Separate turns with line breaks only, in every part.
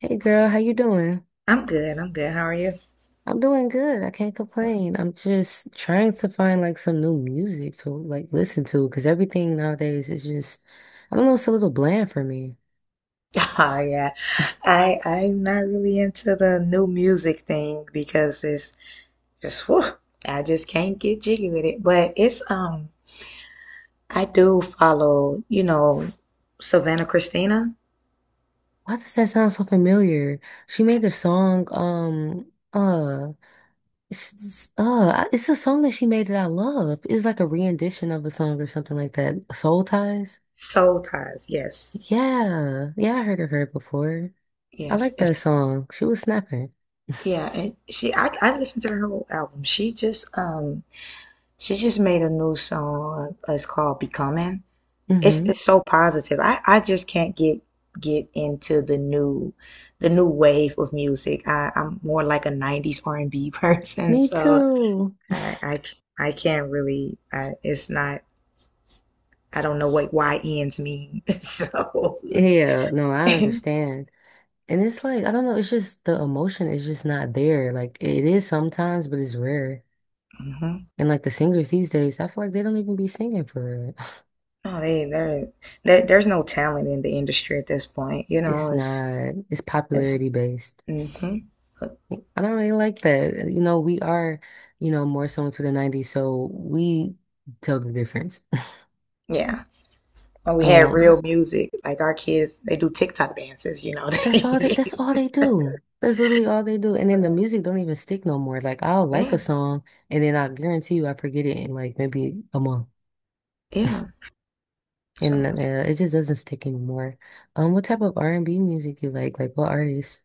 Hey girl, how you doing?
I'm good. I'm good. How are you?
I'm doing good. I can't complain. I'm just trying to find like some new music to like listen to because everything nowadays is just, I don't know, it's a little bland for me.
Oh yeah. I'm not really into the new music thing because it's just whew, I just can't get jiggy with it. But it's I do follow, you know, Savannah Christina.
Why does that sound so familiar? She made the song, it's, uh, it's a song that she made that I love. It's like a rendition of a song or something like that. Soul Ties?
Soul Ties, yes.
Yeah. Yeah, I heard of her before. I
Yes.
like
And
that
sh
song. She was snapping.
yeah, and she I listened to her whole album. She just made a new song. It's called Becoming. it's
Mm-hmm.
it's so positive. I just can't get into the new wave of music. I'm more like a 90s R&B person,
Me
so
too.
I I, I can't really I, it's not I don't know what Y YNs mean. So
Yeah, no, I understand. And it's like, I don't know, it's just the emotion is just not there. Like it is sometimes, but it's rare.
hmm
And like the singers these days, I feel like they don't even be singing for real.
No, they there there there's no talent in the industry at this point. You know,
It's not, it's
it's
popularity based.
hmm
I don't really like that. You know, we are, you know, more so into the 90s, so we tell the difference.
yeah. When we had
Um,
real music, like our kids, they do TikTok dances, you know.
that's all they
They,
that's all they do. That's literally all they do. And then the music don't even stick no more. Like I'll like
yeah.
a song and then I guarantee you I forget it in like maybe a month.
Yeah. So
And it just doesn't stick anymore. What type of R&B music you like? Like what artists?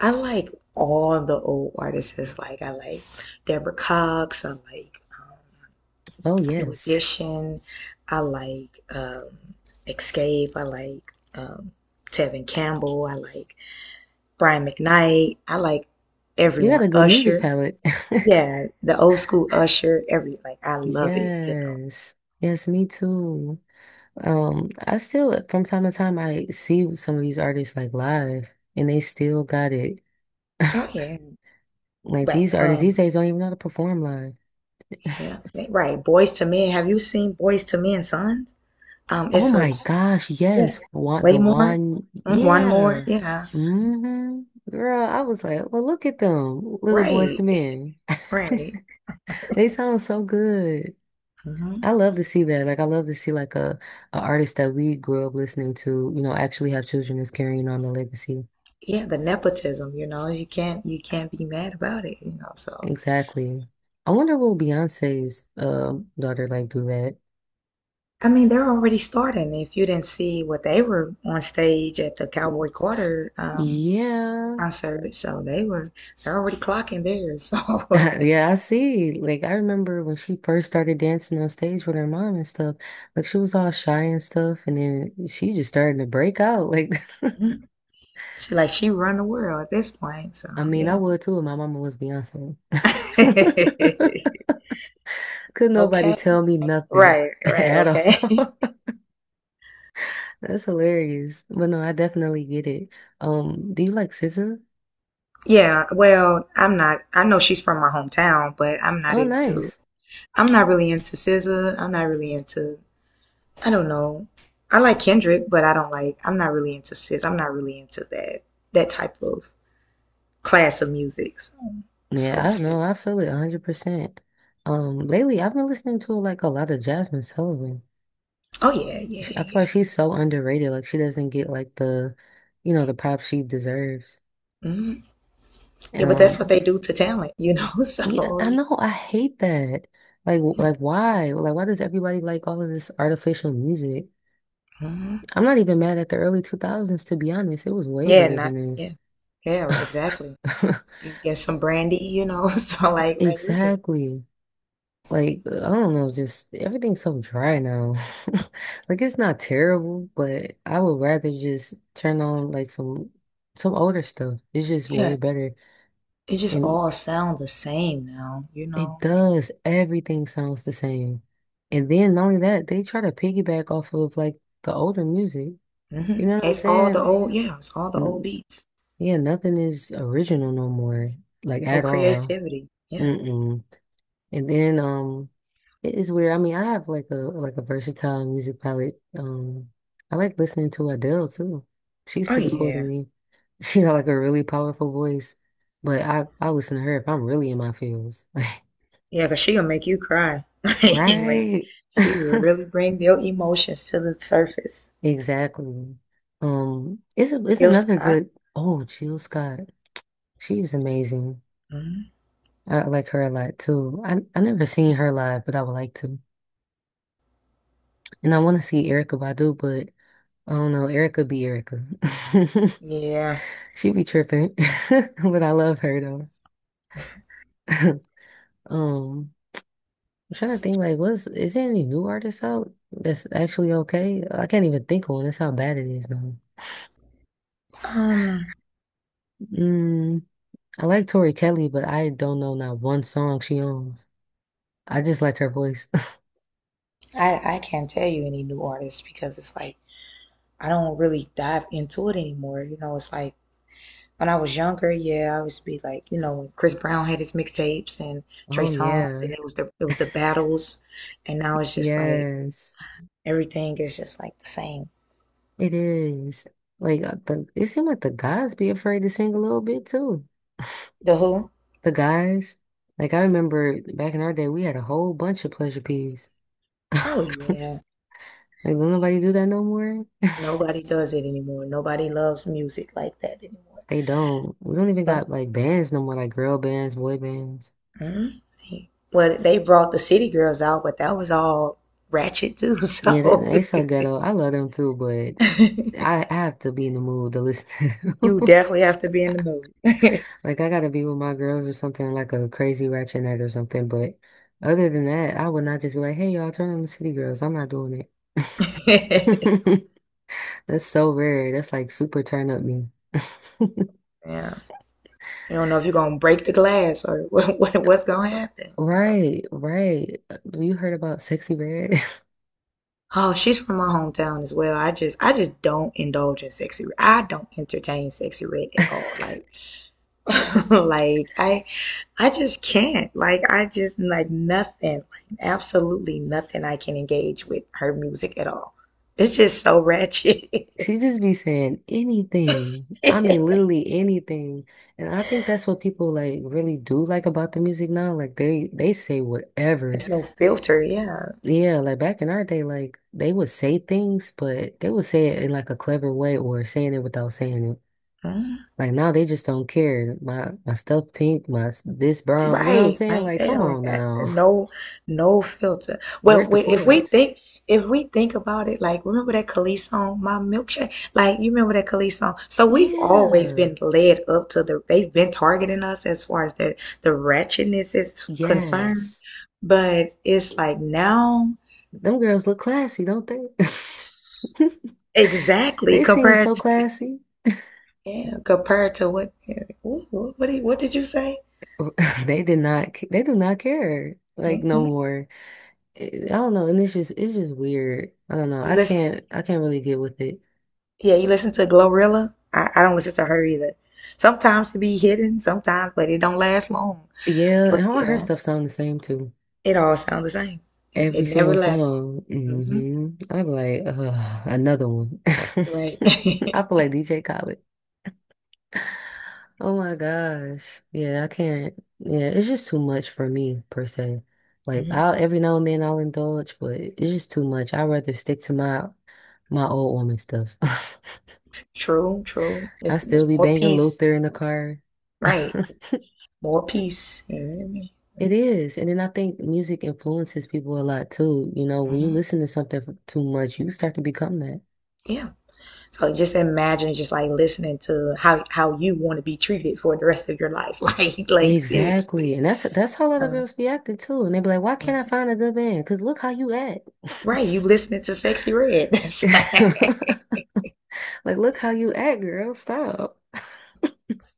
I like all the old artists. Like I like Deborah Cox. I like
Oh
New
yes,
Edition. I like Escape. I like um, Tevin Campbell. I like Brian McKnight. I like
you got
everyone.
a good music
Usher.
palette.
Yeah, the old school Usher. Every like I love it. You
Yes. Yes, me too. I still from time to time I see some of these artists like live and they still got it.
know. Oh yeah,
Like
right.
these artists these days don't even know how to perform live.
Yeah. Right. Boys to Men. Have you seen Boys to Men, Sons?
Oh
It's a
my gosh,
yeah.
yes. One
Way
the
more.
one
Mm, one more.
yeah.
Yeah.
Mm-hmm. Girl, I was like, well look at them, little boys
Right.
to men.
Right.
They sound so good.
Hmm.
I love to see that. Like I love to see like a artist that we grew up listening to, you know, actually have children that's carrying on the legacy.
Yeah, the nepotism, you know, you can't be mad about it, you know. So,
Exactly. I wonder will Beyonce's daughter like do that?
I mean, they're already starting. If you didn't see what they were on stage at the
Mm.
Cowboy Carter
Yeah.
concert, so they're already clocking theirs. So,
Yeah, I see. Like I remember when she first started dancing on stage with her mom and stuff, like she was all shy and stuff, and then she just started to break out. Like
Mhm. She like she run the world at this point. So,
I mean,
yeah.
I would too if my mama was Beyonce. Could nobody
Okay.
tell me nothing
Right, right,
at
okay.
all? That's hilarious. But no, I definitely get it. Do you like SZA?
Yeah, well, I'm not. I know she's from my hometown, but I'm not
Oh,
into.
nice.
I'm not really into SZA. I'm not really into. I don't know. I like Kendrick, but I don't like. I'm not really into SZA. I'm not really into that type of class of music, so,
Yeah,
so to
I don't
speak.
know. I feel it 100%. Lately I've been listening to like a lot of Jasmine Sullivan.
Oh yeah, yeah,
She, I feel
yeah.
like she's so underrated. Like she doesn't get like the, you know, the props she deserves.
Hmm. Yeah, but that's what
Um,
they do to talent, you know.
yeah,
So
I know. I hate that. Like,
yeah,
like why? Like, why does everybody like all of this artificial music?
hmm
I'm not even mad at the early 2000s, to be honest. It was way
yeah,
better
not
than
yeah,
this.
yeah, exactly. You get some brandy, you know. So like really,
Exactly. Like, I don't know, just everything's so dry now. Like, it's not terrible, but I would rather just turn on like some older stuff. It's just way
yeah.
better.
It just
And
all sound the same now, you
it
know.
does, everything sounds the same. And then not only that, they try to piggyback off of like the older music.
Hmm.
You know what I'm
It's all the
saying?
old, yeah, it's all the old beats.
Yeah, nothing is original no more, like
Old
at all.
creativity, yeah.
Mm-mm. And then it is weird. I mean, I have like a versatile music palette. I like listening to Adele too. She's
Oh
pretty cool to
yeah,
me. She got like a really powerful voice, but I listen to her if I'm really in my feels.
yeah, cause she gonna make you cry. Like
Like, right?
she really bring their emotions to the surface.
Exactly. It's
Jill
another
Scott.
good. Oh, Jill Scott. She is amazing.
Hmm.
I like her a lot too. I never seen her live, but I would like to. And I want to see Erica Badu, but I don't know. Erica be Erica.
Yeah.
She be tripping, but I love her though. Um, I'm trying to think like, what's is there any new artists out that's actually okay? I can't even think of one. That's how bad it is now.
Um,
Mm, I like Tori Kelly, but I don't know not one song she owns. I just like her voice.
I can't tell you any new artists because it's like I don't really dive into it anymore. You know, it's like when I was younger, yeah, I always be like, you know, when Chris Brown had his mixtapes and Trey
Oh
Songz,
yeah,
and it was the battles, and now it's just like
yes.
everything is just like the same.
It is. Like the it seemed like the guys be afraid to sing a little bit too.
The Who?
The guys. Like I remember back in our day we had a whole bunch of pleasure peas.
Oh yeah,
Like don't nobody do that no more?
nobody does it anymore. Nobody loves music like that anymore.
They don't. We don't even
But
got like bands no more, like girl bands, boy bands.
mm, well, they brought the City Girls out, but that was all ratchet too.
Yeah, they,
So
they so ghetto. I love them too, but I have to be in the mood to listen to
you
them.
definitely have to be in the mood.
Like I gotta be with my girls or something, like a crazy ratchet night or something, but other than that, I would not just be like, hey, y'all, turn on the City Girls. I'm not doing it. That's so rare. That's like super turn up me.
Yeah. You don't know if you're gonna break the glass or what, what's gonna happen, you know.
Right, right. You heard about Sexy Red?
Oh, she's from my hometown as well. I just don't indulge in sexy. Red. I don't entertain sexy red at all. Like like I just can't. Like I just like nothing. Like absolutely nothing I can engage with her music at all. It's just so ratchet.
She just be saying anything. I mean, literally anything. And I think that's what people like really do like about the music now. Like they say whatever.
It's no filter, yeah.
Yeah, like back in our day, like they would say things, but they would say it in like a clever way or saying it without saying it.
Mm.
Like now they just don't care. My stuff pink, this brown. You know what I'm
Right,
saying?
like
Like
they
come
don't
on
got
now.
no filter.
Where's
Well,
the
we,
poise?
if we think about it, like remember that Khalees song, "My Milkshake." Like you remember that Khalees song. So we've always
Yeah.
been led up to the. They've been targeting us as far as the ratchetness is concerned,
Yes.
but it's like now
Them girls look classy, don't they?
exactly
They seem
compared
so
to
classy.
yeah, compared to what yeah, what did you say?
They did not, they do not care. Like no
Mm-mm.
more. I don't know. And it's just weird. I don't know.
You
I
listen
can't, I can't really get with it.
Yeah, you listen to Glorilla? I don't listen to her either. Sometimes it be hidden, sometimes, but it don't last long.
Yeah. And all her
Yeah,
stuff sound the same too.
it all sounds the same. It,
Every
it never
single
lasts long.
song.
Hmm.
Mm-hmm. I'm like, ugh, another one.
Right.
I feel like DJ Khaled. Oh my gosh. Yeah, I can't. Yeah, it's just too much for me per se. Like
Hmm.
I'll every now and then I'll indulge, but it's just too much. I'd rather stick to my old woman stuff.
True, true.
I
There's,
still
there's
be
more
banging
peace.
Luther in the car.
Right. More peace. You hear me?
It is. And then I think music influences people a lot too. You know, when you
Hmm.
listen to something for too much, you start to become that.
Yeah. So just imagine just like listening to how you want to be treated for the rest of your life. Like seriously.
Exactly. And that's how a lot of
Uh,
girls be acting too. And they be like, why can't I
mhm.
find a good man? Because look how you act.
Right. You listening to Sexy Red. That's
Like, look how you act, girl. Stop.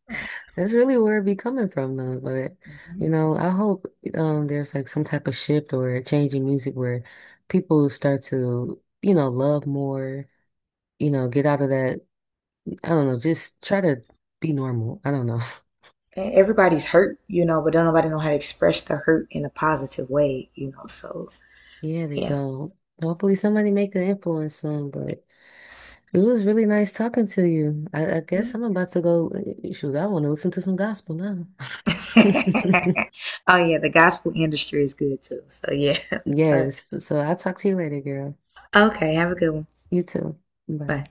why.
That's really where it be coming from, though. But
Mhm.
you know, I hope there's like some type of shift or a change in music where people start to, you know, love more, you know, get out of that. I don't know, just try to be normal. I don't know.
And everybody's hurt, you know, but don't nobody know how to express the hurt in a positive way, you know. So
Yeah, they
yeah.
don't. Hopefully somebody make an influence soon, but it was really nice talking to you. I
Oh
guess I'm about to go, shoot, I want to listen to some gospel now.
yeah, the gospel industry is good too. So yeah. But,
Yes. So I'll talk to you later, girl.
okay, have a good one.
You too. Bye.
Bye.